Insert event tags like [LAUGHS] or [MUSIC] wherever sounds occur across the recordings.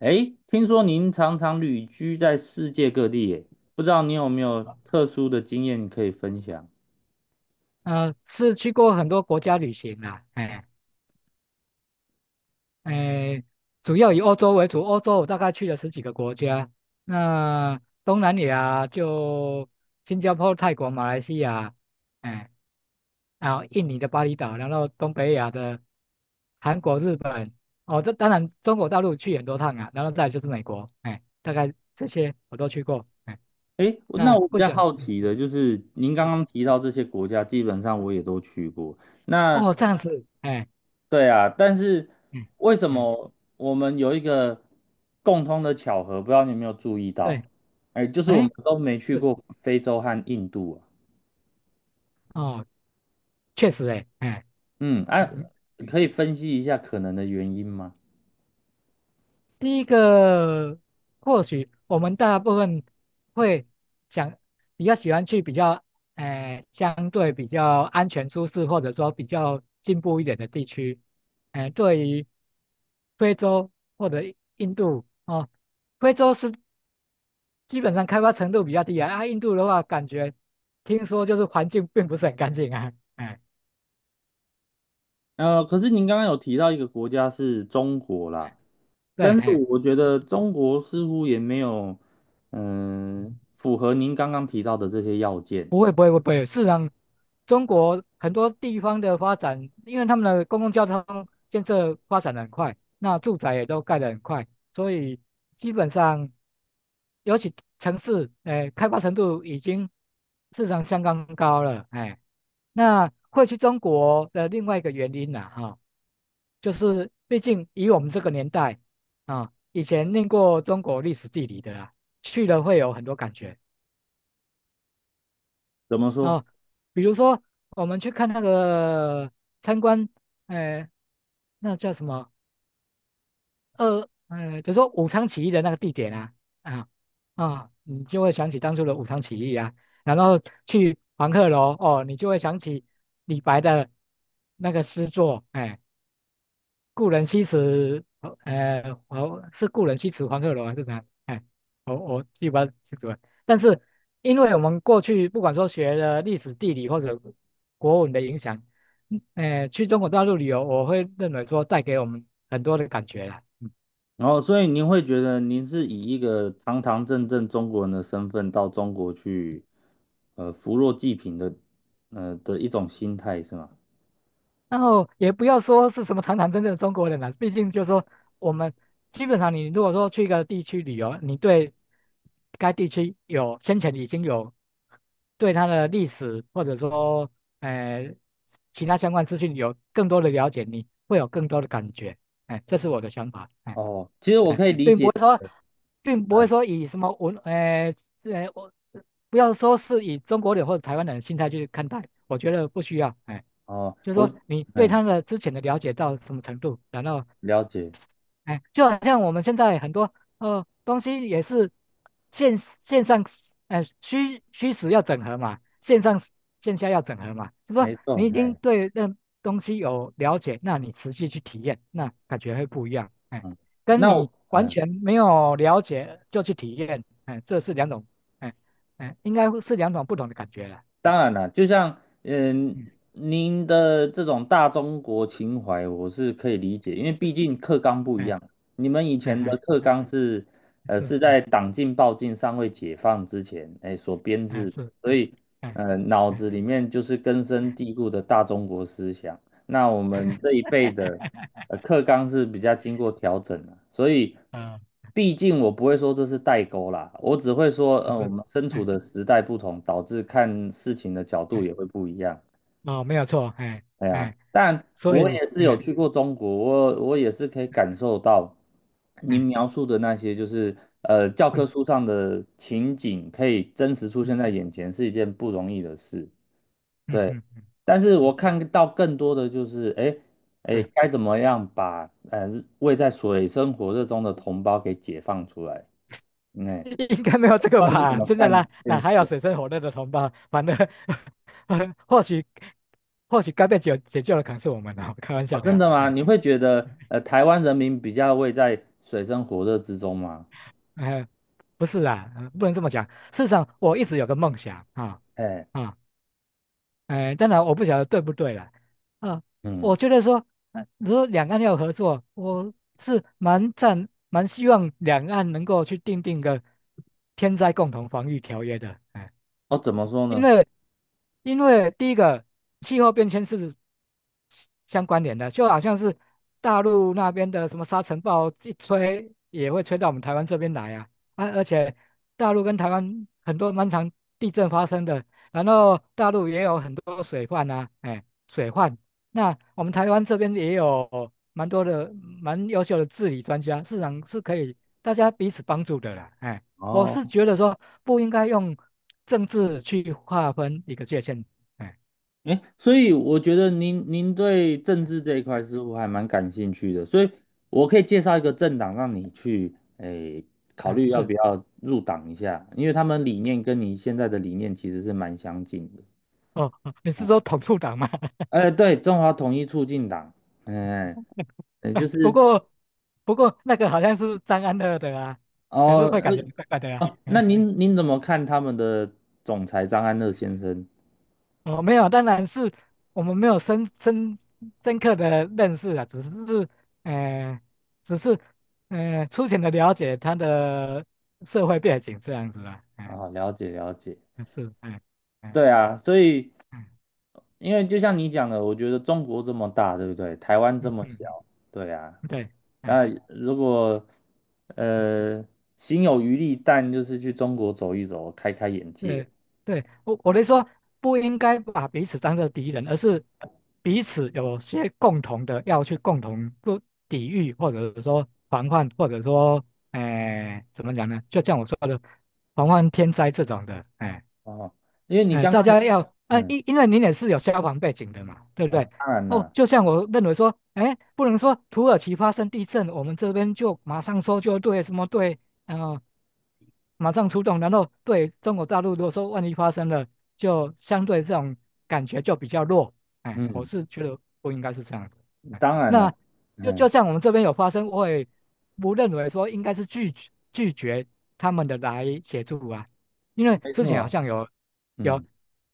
哎，听说您常常旅居在世界各地，耶，不知道你有没有特殊的经验可以分享？是去过很多国家旅行啦。哎，哎，主要以欧洲为主。欧洲我大概去了十几个国家。那东南亚就新加坡、泰国、马来西亚。哎，然后印尼的巴厘岛，然后东北亚的韩国、日本。哦，这当然中国大陆去很多趟啊，然后再来就是美国。哎，大概这些我都去过。哎，哎，那那我比不较讲。好嗯，奇的就是，您刚对。刚提到这些国家，基本上我也都去过。那哦，这样子。哎，对啊，但是嗯为什嗯。么我们有一个共通的巧合？不知道你有没有注意到？对。哎，就是我们哎。都没去是。过非洲和印度啊。哦，确实诶。哎，嗯，啊，嗯嗯嗯。可以分析一下可能的原因吗？第一个或许我们大部分会想比较喜欢去比较，哎、相对比较安全舒适或者说比较进步一点的地区。哎、对于非洲或者印度哦。非洲是基本上开发程度比较低啊。啊，印度的话感觉听说就是环境并不是很干净啊。哎、可是您刚刚有提到一个国家是中国啦。对。但是哎。我觉得中国似乎也没有，嗯、符合您刚刚提到的这些要件。不会不会不会，事实上，中国很多地方的发展，因为他们的公共交通建设发展的很快，那住宅也都盖得很快。所以基本上，尤其城市，哎，开发程度已经市场相当高了。哎，那会去中国的另外一个原因呢，哈，就是毕竟以我们这个年代啊，以前念过中国历史地理的啊，去了会有很多感觉。怎么说？哦，比如说我们去看那个参观，呃，那叫什么二，就说武昌起义的那个地点啊。啊啊，你就会想起当初的武昌起义啊。然后去黄鹤楼哦，你就会想起李白的那个诗作。哎、故人西辞，我是故人西辞黄鹤楼还是哪？哎，我记不太清楚了。但是因为我们过去不管说学了历史、地理或者国文的影响，去中国大陆旅游，我会认为说带给我们很多的感觉啦。嗯然后，所以您会觉得您是以一个堂堂正正中国人的身份到中国去，呃，扶弱济贫的，一种心态是吗？然后也不要说是什么堂堂正正的中国人了。毕竟就是说我们基本上你如果说去一个地区旅游，你对该地区有先前已经有对它的历史或者说呃其他相关资讯有更多的了解，你会有更多的感觉。哎，这是我的想法。哎。哦，其实我哎，可以理并不解，会说，并不会嗯，说以什么文，我不要说是以中国人或者台湾人的心态去看待，我觉得不需要。哎，哦，就是说我，你对嗯，他的之前的了解到什么程度，然后了解，哎，就好像我们现在很多东西也是线上，哎虚虚实要整合嘛，线上线下要整合嘛。就说没你错，已经哎，对那东西有了解，那你实际去体验，那感觉会不一样。哎，嗯，跟那我，你完哎。全没有了解就去体验，哎，这是两种。哎哎，应该是两种不同的感觉了。嗯当然了，就像嗯，嗯，您的这种大中国情怀，我是可以理解，因为毕竟课纲不一哎样。你们以哎前的哎课哎。纲是，是是哎。在党禁、报禁尚未解放之前，哎，所编哎制的，是所哎以，哎脑哎，子里面就是根 [LAUGHS] 深蒂哎。固的大中国思想。那我们这一辈的课纲是比较经过调整的，所以嗯。[LAUGHS] 毕竟我不会说这是代沟啦，我只会说，是嗯、我是。们身处嗯的时代不同，导致看事情的角度嗯。也会不一样。哦，没有错。哎对啊，哎，但所我以，也是有嗯去过中国，我也是可以嗯感受到您嗯描述的那些，就是教科嗯书上的情景，可以真实出现嗯在眼前，是一件不容易的事。嗯对，嗯嗯。但是嗯，我看到更多的就是，哎，哎，是。该怎么样把位在水深火热中的同胞给解放出来？哎，应该没有不知这个道你怎吧？么真的看啦，这件哪事还有啊水深火热的同胞？反正，[LAUGHS] 或许该被解救的可能是我们哦。开玩哦，笑的真呀、的吗？哎。你会觉得台湾人民比较位在水深火热之中吗？哎，不是啊，不能这么讲。事实上，我一直有个梦想啊。哎，啊、哎，当然我不晓得对不对了。啊，嗯，我觉得说，如果两岸要合作，我是蛮赞，蛮希望两岸能够去订定个天灾共同防御条约的。哎。哦，怎么说因呢？为因为第一个气候变迁是相关联的，就好像是大陆那边的什么沙尘暴一吹也会吹到我们台湾这边来啊。啊，而且大陆跟台湾很多蛮常地震发生的。然后大陆也有很多水患啊。哎，水患，那我们台湾这边也有蛮多的蛮优秀的治理专家，市场是可以大家彼此帮助的啦。哎。我哦。是觉得说不应该用政治去划分一个界限。哎哎，所以我觉得您对政治这一块哎似乎还蛮感兴趣的，所以我可以介绍一个政党让你去诶考哎。虑要是。不要入党一下，因为他们理念跟你现在的理念其实是蛮相近的哦，哦你啊。是说统促党吗？[LAUGHS] 哎，对，中华统一促进党，嗯，就哎不是过那个好像是张安乐的啊，可是哦，会呃，感觉怪怪的啊。哦，那哎，您怎么看他们的总裁张安乐先生？哦，没有，当然是我们没有深刻的认识啊。只是呃，只是粗浅的了解他的社会背景这样子啊。哎，啊？了解了解。是。哎哎对啊，所以哎。因为就像你讲的，我觉得中国这么大，对不对？台湾这嗯么嗯小，对啊。嗯，对。哎那如果嗯。呃心有余力，但就是去中国走一走，开开眼界对对，我的说不应该把彼此当做敌人，而是彼此有些共同的要去共同不抵御，或者说防范，或者说，哎、怎么讲呢？就像我说的，防范天灾这种的。哎、哦。因为你哎、刚大刚也家要，哎、嗯因为您也是有消防背景的嘛，对不啊、对？当然哦，了，就像我认为说，哎，不能说土耳其发生地震，我们这边就马上搜救队什么队。啊、马上出动，然后对中国大陆，如果说万一发生了，就相对这种感觉就比较弱。哎，我嗯，是觉得不应该是这样子。哎，当然那了，就嗯，像我们这边有发生，我也不认为说应该是拒绝他们的来协助啊。因为没之错前好啊，像有有嗯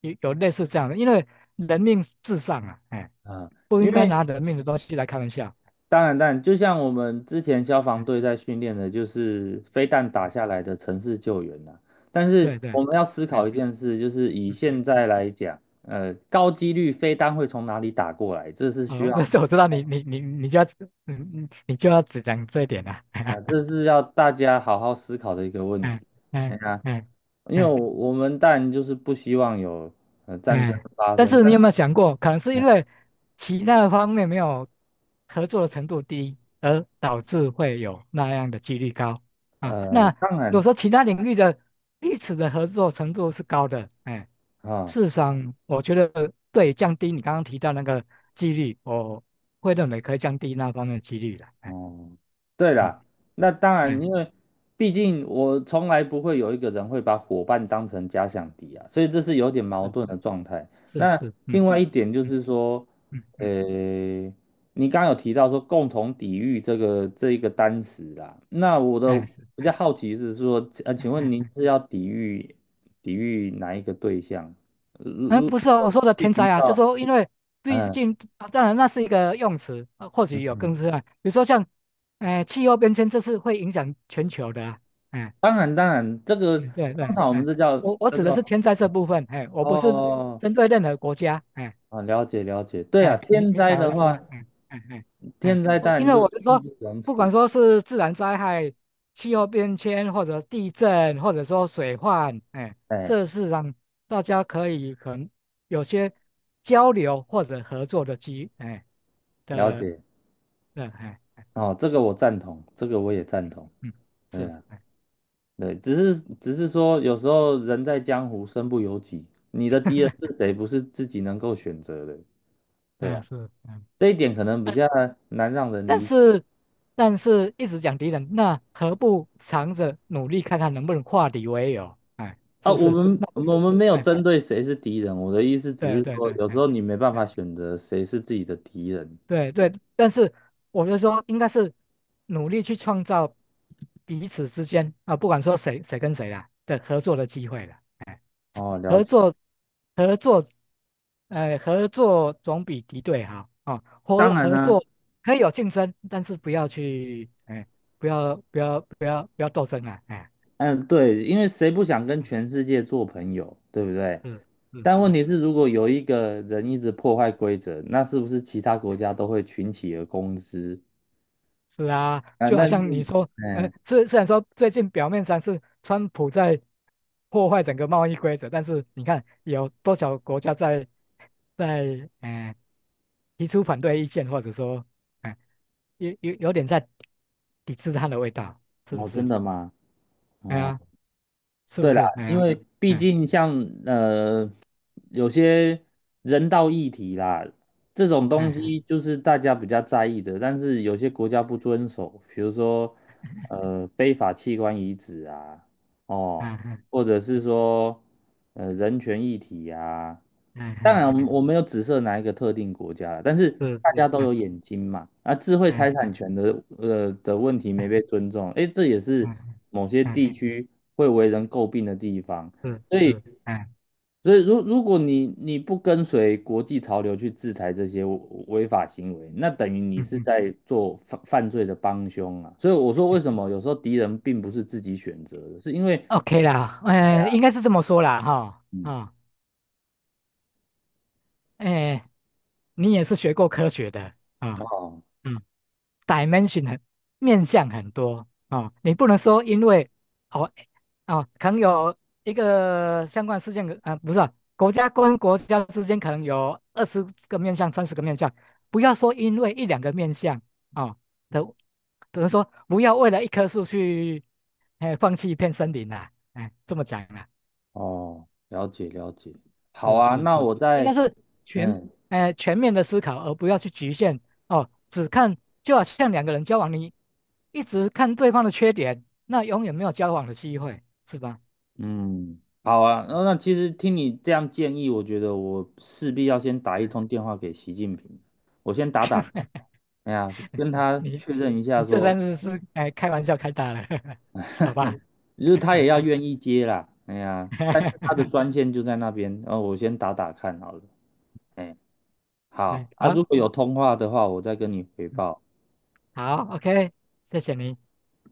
有类似这样的。因为人命至上啊。哎，啊，不因应该为拿人命的东西来开玩笑。当然，当然，就像我们之前消防哎，队在训练的，就是飞弹打下来的城市救援呐、但是对对。我嗯们要思考一嗯件事，就是以嗯现嗯。在来讲，高几率飞弹会从哪里打过来，这是 [LAUGHS] 需哦，要但是我知道你就要嗯嗯，你就要只讲这一点啊。啊、[LAUGHS] 这是要大家好好思考的一个问题。嗯哎嗯呀，嗯因为我嗯我们当然就是不希望有战争嗯，发但生，是你但有没有想过，可能是因为其他的方面没有合作的程度低，而导致会有那样的几率高啊？呃，那当如果然说其他领域的彼此的合作程度是高的，哎，啊。事实上我觉得对降低你刚刚提到那个几率，我会认为可以降低那方面的几率的。哎哦，对嗯啦，那当然，因嗯。为毕竟我从来不会有一个人会把伙伴当成假想敌啊，所以这是有点矛是不盾是。的状态。是那是。嗯另外嗯一点就嗯是说，嗯。呃，嗯，你刚刚有提到说共同抵御这一个单词啦，那我的哎是。比较好奇是说，哎请问哎。您哎是要抵御哪一个对象？如哎，如不是哦，我果说的进天行灾啊。就到说因为毕嗯。竟啊，当然那是一个用词，啊或许有更深啊，比如说像，哎、气候变迁这是会影响全球的啊。哎，当然，当然，这个嗯对通对。常我们哎，这叫我叫指的是做天灾这部分。哎，我不是哦，针对任何国家。哎。啊，了解了解，对啊，哎，你天明灾白我的的意思吗？话，哎哎哎哎。天灾我当因然为我就是义说，不容不管辞，说是自然灾害、气候变迁，或者地震，或者说水患，哎，哎，这是让大家可以可能有些交流或者合作的机。哎了的，解，的，哎，哦，这个我赞同，这个我也赞同，嗯，对是。啊，哎，对，只是说有时候人在江湖身不由己，你的敌人是 [LAUGHS] 谁不是自己能够选择的，对嗯，啊，是。嗯。这一点可能比较难让人但理解是但是一直讲敌人，那何不藏着努力看看能不能化敌为友？哎，啊，是不我是？们那不我是。们没有哎，针对谁是敌人，我的意思只对是对说对。有时哎，候你没办法哎选择谁是自己的敌人，对对，但是我就说应该是努力去创造彼此之间啊，不管说谁谁跟谁啦的合作的机会了。哎哦，了合解，作合作。哎，合作总比敌对好啊。当然合呢、作可以有竞争，但是不要去，哎，不要不要不要不要斗争啊。哎，嗯，对，因为谁不想跟全世界做朋友，对不对？嗯嗯但问嗯。题是，如果有一个人一直破坏规则，那是不是其他国家都会群起而攻之？是啊，啊，就那好像你你，说，嗯，虽然说最近表面上是川普在破坏整个贸易规则。但是你看有多少国家在在呃提出反对意见，或者说，呃，有有点在抵制它的味道，是哦，不真是？的吗？哎哦，呀，是不对啦，是？哎因呀，为毕嗯竟像呃有些人道议题啦，这种东嗯西就是大家比较在意的，但是有些国家不遵守，比如说非法器官移植啊，哦。嗯嗯或者是说，人权议题呀、嗯嗯当嗯。然，我们嗯，我没有指涉哪一个特定国家了，但是是大家是。都嗯有眼睛嘛。啊，智慧财产嗯权的问题没被嗯尊重，诶，这也是嗯嗯某些嗯。地区会为人诟病的地方。是所以，是。嗯所以如果你不跟随国际潮流去制裁这些违法行为，那等于你嗯是嗯。在做犯罪的帮凶啊。所以我说，为什么有时候敌人并不是自己选择的，是因为。OK 啦，嗯，应该是这么说啦，哈，嗯，啊，哎，你也是学过科学的啊。哦，嗯，dimension 很面向很多啊。你不能说因为哦哦，可能有一个相关事件的，啊，不是啊国家跟国家之间可能有20个面向、30个面向。不要说因为一两个面向啊都等于说不要为了一棵树去，哎，放弃一片森林啦。哎，这么讲啦。哦，了解了解。好是啊，是那是，我应再，该是全嗯全面的思考，而不要去局限。哦，只看就好像两个人交往，你一直看对方的缺点，那永远没有交往的机会，是吧？嗯，好啊。那那其实听你这样建议，我觉得我势必要先打一嗯 通电话给习近平，我先打打看，哎呀，就 [LAUGHS] 跟你他你确认一下你这说，真的是哎开玩笑开大了。[LAUGHS] 好吧？就是他也要愿意接啦，哎呀，但是他的 [LAUGHS] 专线就在那边，然后我先打打看好了。哎，好对啊，如好。果有通话的话，我再跟你回嗯报。好。OK,谢谢你。